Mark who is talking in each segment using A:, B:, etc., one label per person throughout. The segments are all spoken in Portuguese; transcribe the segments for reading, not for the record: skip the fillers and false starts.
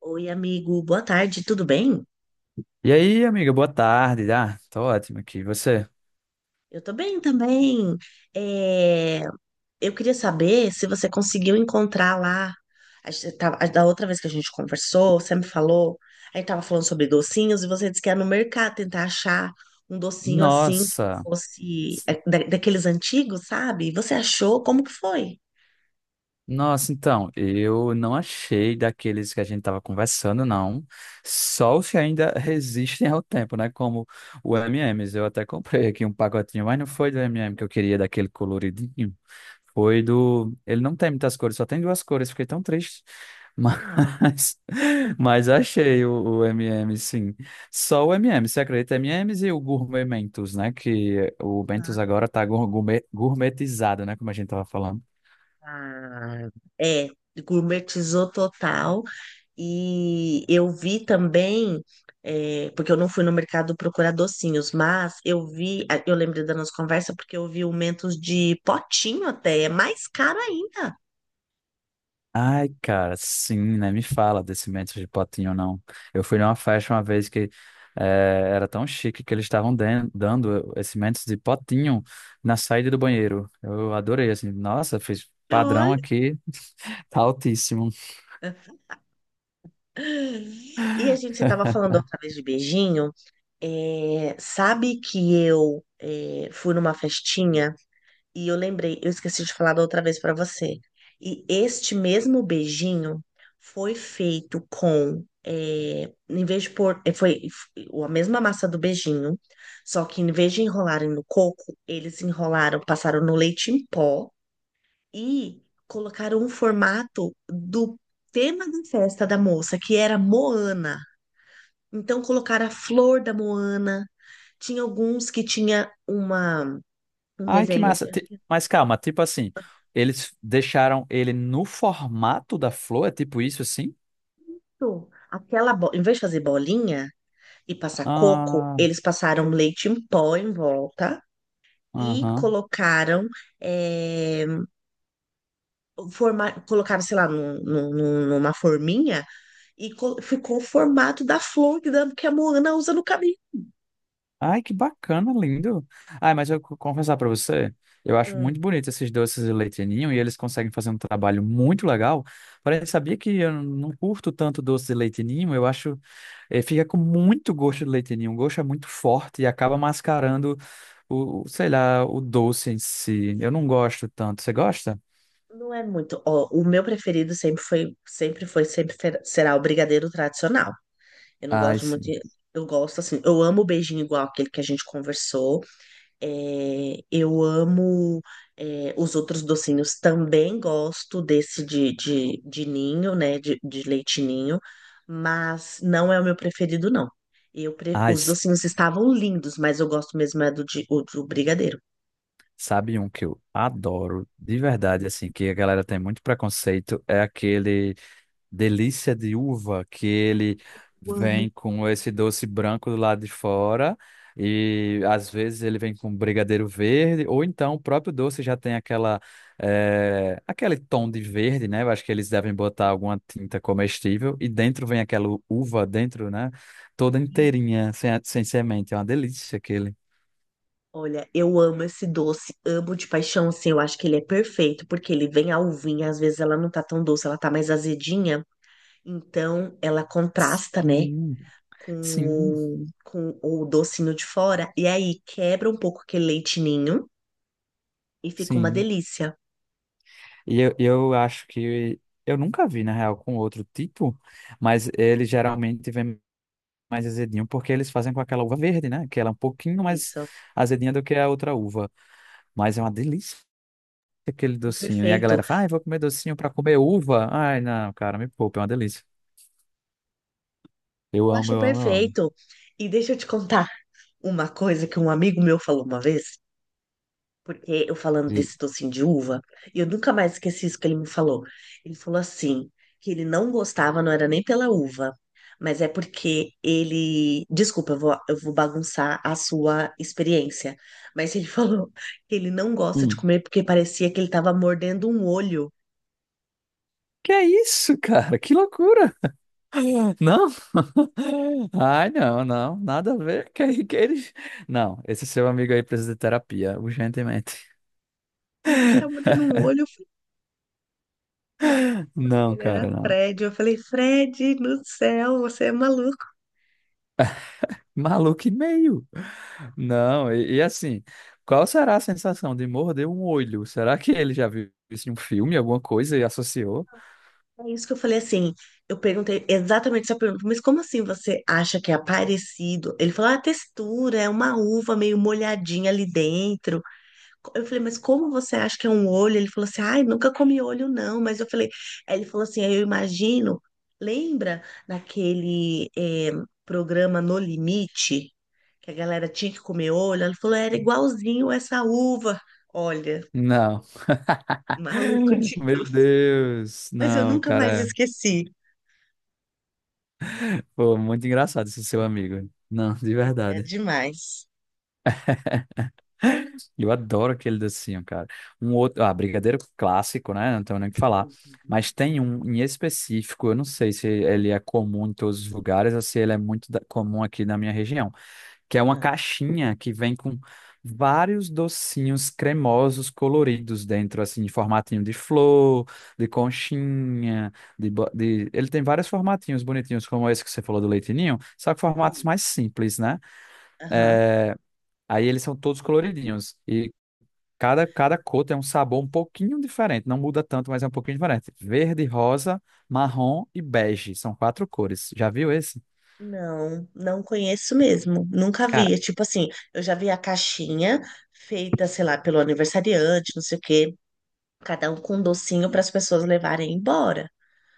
A: Oi, amigo, boa tarde, tudo bem?
B: E aí, amiga, boa tarde. Ah, tô ótimo aqui. E você?
A: Eu tô bem também. É, eu queria saber se você conseguiu encontrar lá. A gente tava- a- Da outra vez que a gente conversou, você me falou, a gente tava falando sobre docinhos e você disse que ia no mercado tentar achar um docinho assim, que
B: Nossa,
A: fosse daqueles antigos, sabe? Você achou? Como que foi?
B: nossa, então, eu não achei daqueles que a gente estava conversando, não. Só os que ainda resistem ao tempo, né? Como o M&M's. Eu até comprei aqui um pacotinho, mas não foi do M&M que eu queria, daquele coloridinho. Foi do. Ele não tem muitas cores, só tem duas cores, fiquei tão triste.
A: Ah,
B: Mas, mas achei o M&M, sim. Só o M&M, você acredita? M&M's e M's e o Gourmet Mentos, né? Que o Mentos agora tá gourmet, gourmetizado, né? Como a gente tava falando.
A: é, gourmetizou total. E eu vi também, porque eu não fui no mercado procurar docinhos, mas eu vi, ah, eu lembrei da nossa conversa porque eu vi o Mentos de potinho, até é mais caro ainda.
B: Ai, cara, sim, né? Me fala desse Mentos de Potinho, não. Eu fui numa festa uma vez que era tão chique que eles estavam dando esse Mentos de Potinho na saída do banheiro. Eu adorei, assim. Nossa, fiz padrão
A: Olha.
B: aqui, tá altíssimo.
A: E a gente estava falando outra vez de beijinho. É, sabe que eu é, fui numa festinha e eu lembrei, eu esqueci de falar da outra vez para você. E este mesmo beijinho foi feito com, em vez de pôr, a mesma massa do beijinho, só que em vez de enrolarem no coco, eles enrolaram, passaram no leite em pó e colocaram um formato do tema da festa da moça, que era Moana. Então colocaram a flor da Moana. Tinha alguns que tinha uma um
B: Ai, que
A: desenho
B: massa.
A: assim,
B: Mas calma, tipo assim, eles deixaram ele no formato da flor, é tipo isso assim?
A: pronto. Em vez de fazer bolinha e passar coco,
B: Ah,
A: eles passaram leite em pó em volta e
B: aham.
A: colocaram, eh, forma... colocaram, sei lá, numa forminha e ficou o formato da flor que a Moana usa no cabelo.
B: Ai, que bacana, lindo. Ai, mas eu confessar para você, eu acho
A: Hum,
B: muito bonito esses doces de leite ninho e eles conseguem fazer um trabalho muito legal. Porém, sabia que eu não curto tanto doce de leite ninho, eu acho, fica com muito gosto de leite ninho, o gosto é muito forte e acaba mascarando o, sei lá, o doce em si. Eu não gosto tanto. Você gosta?
A: Não é muito. Ó, o meu preferido sempre foi, sempre foi, sempre fer- será o brigadeiro tradicional. Eu não
B: Ai,
A: gosto muito
B: sim.
A: de... Eu gosto assim, eu amo o beijinho igual aquele que a gente conversou. É, eu amo, os outros docinhos, também gosto desse de ninho, né? De leite ninho, mas não é o meu preferido, não.
B: Ai,
A: Os docinhos estavam lindos, mas eu gosto mesmo é do brigadeiro.
B: sabe um que eu adoro, de verdade, assim, que a galera tem muito preconceito, é aquele delícia de uva, que ele
A: Eu amo.
B: vem com esse doce branco do lado de fora, e às vezes ele vem com brigadeiro verde, ou então o próprio doce já tem aquele tom de verde, né? Eu acho que eles devem botar alguma tinta comestível, e dentro vem aquela uva dentro, né? Toda inteirinha, sem semente. É uma delícia aquele.
A: Olha, eu amo esse doce, amo de paixão, assim, eu acho que ele é perfeito, porque ele vem a uvinha, às vezes ela não tá tão doce, ela tá mais azedinha, então ela contrasta, né?
B: Sim, sim,
A: Com com o docinho de fora, e aí quebra um pouco aquele leite ninho e fica uma
B: sim.
A: delícia.
B: E eu acho que eu nunca vi, na real, com outro tipo, mas ele geralmente vem mais azedinho, porque eles fazem com aquela uva verde, né? Que ela é um pouquinho mais
A: Isso,
B: azedinha do que a outra uva. Mas é uma delícia aquele
A: é
B: docinho. E a
A: perfeito.
B: galera fala, ai, vou comer docinho pra comer uva. Ai, não, cara, me poupa, é uma delícia. Eu
A: Eu
B: amo,
A: acho
B: eu amo, eu amo.
A: perfeito. E deixa eu te contar uma coisa que um amigo meu falou uma vez, porque eu falando
B: E,
A: desse docinho de uva, e eu nunca mais esqueci isso que ele me falou. Ele falou assim, que ele não gostava, não era nem pela uva, mas é porque ele. Desculpa, eu vou bagunçar a sua experiência. Mas ele falou que ele não gosta de
B: hum,
A: comer porque parecia que ele estava mordendo um olho.
B: que é isso, cara? Que loucura! Não? Ai, não, não, nada a ver. Que ele... Não, esse seu amigo aí precisa de terapia, urgentemente.
A: A gente tá mordendo um olho,
B: Não,
A: ele era
B: cara, não.
A: Fred. Eu falei, Fred, no céu, você é maluco.
B: Maluco e meio. Não, e assim, qual será a sensação de morder um olho? Será que ele já viu isso em um filme, alguma coisa e associou?
A: É isso que eu falei assim. Eu perguntei exatamente essa pergunta, mas como assim você acha que é parecido? Ele falou, ah, a textura é uma uva meio molhadinha ali dentro. Eu falei, mas como você acha que é um olho? Ele falou assim, ai, nunca comi olho não. Mas eu falei, aí ele falou assim, aí eu imagino, lembra naquele programa No Limite, que a galera tinha que comer olho? Ele falou, era igualzinho essa uva. Olha,
B: Não.
A: maluco, tipo,
B: Meu Deus.
A: mas eu
B: Não,
A: nunca mais
B: cara.
A: esqueci.
B: Pô, muito engraçado esse seu amigo. Não, de
A: É
B: verdade.
A: demais.
B: Eu adoro aquele docinho, cara. Um outro, ah, brigadeiro clássico, né? Não tenho nem o que falar. Mas
A: Uhum.
B: tem um em específico, eu não sei se ele é comum em todos os lugares ou se ele é muito comum aqui na minha região que é uma
A: Ah,
B: caixinha que vem com vários docinhos cremosos coloridos dentro, assim, em formatinho de flor, de conchinha, de... Ele tem vários formatinhos bonitinhos, como esse que você falou do leitinho, só que formatos
A: sei.
B: mais simples, né?
A: Aham.
B: Aí eles são todos coloridinhos e cada cor tem um sabor um pouquinho diferente, não muda tanto, mas é um pouquinho diferente. Verde, rosa, marrom e bege, são quatro cores. Já viu esse?
A: Não, não conheço mesmo. Nunca
B: Cara,
A: vi. É, tipo assim, eu já vi a caixinha feita, sei lá, pelo aniversariante, não sei o quê, cada um com um docinho para as pessoas levarem embora.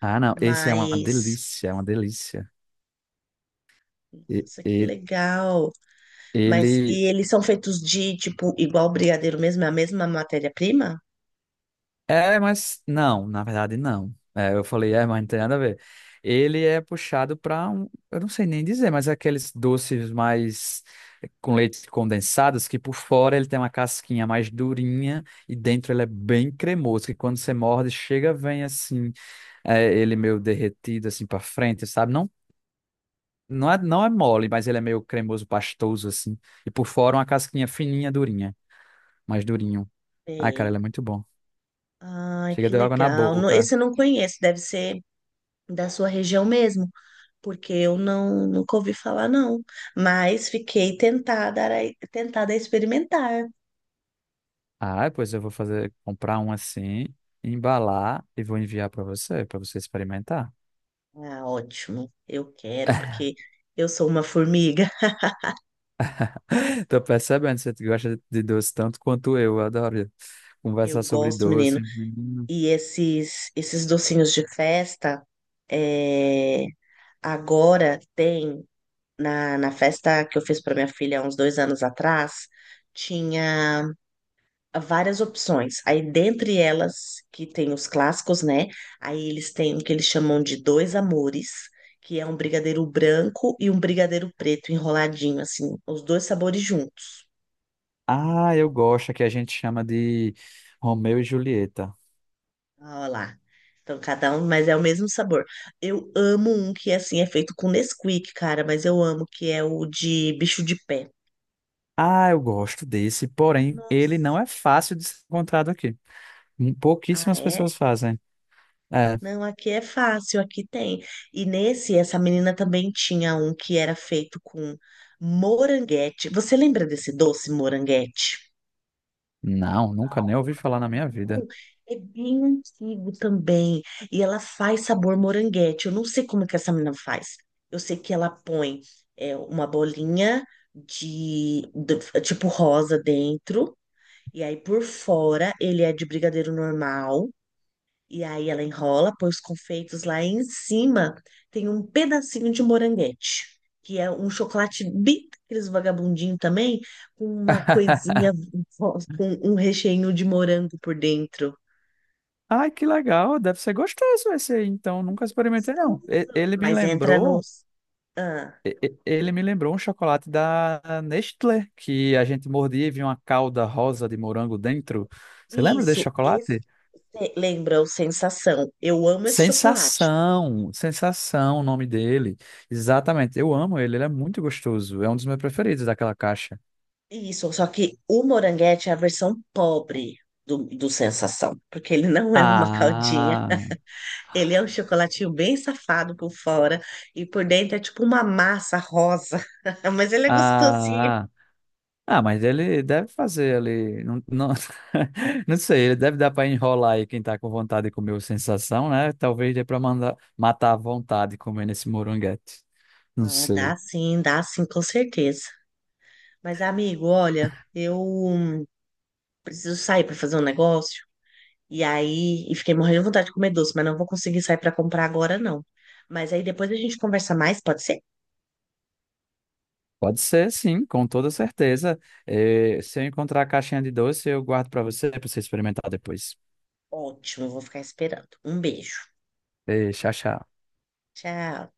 B: ah não, esse é uma
A: Mas,
B: delícia, é uma delícia.
A: nossa, que
B: E-
A: legal. Mas,
B: Ele
A: e eles são feitos de, tipo, igual brigadeiro mesmo, é a mesma matéria-prima?
B: é, mas não, na verdade não. É, eu falei, é, mas não tem nada a ver. Ele é puxado para um, eu não sei nem dizer, mas é aqueles doces mais com leite condensados que por fora ele tem uma casquinha mais durinha e dentro ele é bem cremoso, que quando você morde, chega, vem assim, é, ele meio derretido assim para frente, sabe? Não, não é mole, mas ele é meio cremoso, pastoso assim. E por fora uma casquinha fininha, durinha, mais durinho. Ai, cara,
A: Sei.
B: ele é muito bom.
A: Ai,
B: Chega,
A: que
B: deu água na
A: legal. No-
B: boca.
A: Esse eu não conheço, deve ser da sua região mesmo, porque eu não nunca ouvi falar, não. Mas fiquei tentada a, tentada a experimentar.
B: Ah, pois eu vou fazer, comprar um assim, embalar e vou enviar para você experimentar.
A: Ah, ótimo. Eu quero, porque eu sou uma formiga.
B: Tô percebendo, você gosta de doce tanto quanto eu. Eu adoro
A: Eu
B: conversar sobre
A: gosto, menino.
B: doce. Menino.
A: E esses docinhos de festa, é, agora tem na festa que eu fiz para minha filha há uns dois anos atrás, tinha várias opções. Aí, dentre elas, que tem os clássicos, né? Aí eles têm o que eles chamam de dois amores, que é um brigadeiro branco e um brigadeiro preto enroladinho, assim, os dois sabores juntos.
B: Ah, eu gosto, que a gente chama de Romeu e Julieta.
A: Olha lá. Então, cada um, mas é o mesmo sabor. Eu amo um que, assim, é feito com Nesquik, cara, mas eu amo, que é o de bicho de pé.
B: Ah, eu gosto desse, porém, ele não
A: Nossa.
B: é fácil de ser encontrado aqui.
A: Ah,
B: Pouquíssimas
A: é?
B: pessoas fazem. É,
A: Não, aqui é fácil, aqui tem. E nesse, essa menina também tinha um que era feito com moranguete. Você lembra desse doce moranguete?
B: não, nunca nem ouvi falar na minha vida.
A: É bem antigo também. E ela faz sabor moranguete. Eu não sei como que essa menina faz. Eu sei que ela põe, uma bolinha tipo rosa dentro. E aí por fora ele é de brigadeiro normal. E aí ela enrola, põe os confeitos lá e em cima, tem um pedacinho de moranguete, que é um chocolate bem daqueles vagabundinho também, com uma coisinha, com um recheio de morango por dentro.
B: Ai, que legal, deve ser gostoso esse aí, então nunca experimentei não.
A: Gostoso. Mas entra nos... Ah,
B: Ele me lembrou um chocolate da Nestlé, que a gente mordia e vinha uma calda rosa de morango dentro. Você lembra desse
A: isso, esse
B: chocolate?
A: lembra o Sensação. Eu amo esse chocolate.
B: Sensação, Sensação, o nome dele. Exatamente, eu amo ele, ele é muito gostoso. É um dos meus preferidos daquela caixa.
A: Isso, só que o moranguete é a versão pobre do Sensação, porque ele não é uma caldinha.
B: Ah,
A: Ele é um chocolatinho bem safado por fora e por dentro é tipo uma massa rosa. Mas ele é gostosinho.
B: ah, ah, ah, mas ele deve fazer ali, não, não, não sei, ele deve dar para enrolar aí quem tá com vontade de comer o Sensação, né? Talvez dê para mandar matar a vontade comendo esse moranguete. Não
A: Ah,
B: sei.
A: dá sim, com certeza. Mas, amigo, olha, eu preciso sair para fazer um negócio. E aí, e fiquei morrendo de vontade de comer doce, mas não vou conseguir sair para comprar agora, não. Mas aí depois a gente conversa mais, pode ser?
B: Pode ser, sim, com toda certeza. Eh, se eu encontrar a caixinha de doce, eu guardo para você experimentar depois.
A: Ótimo, eu vou ficar esperando. Um beijo.
B: Eh, tchau, tchau.
A: Tchau.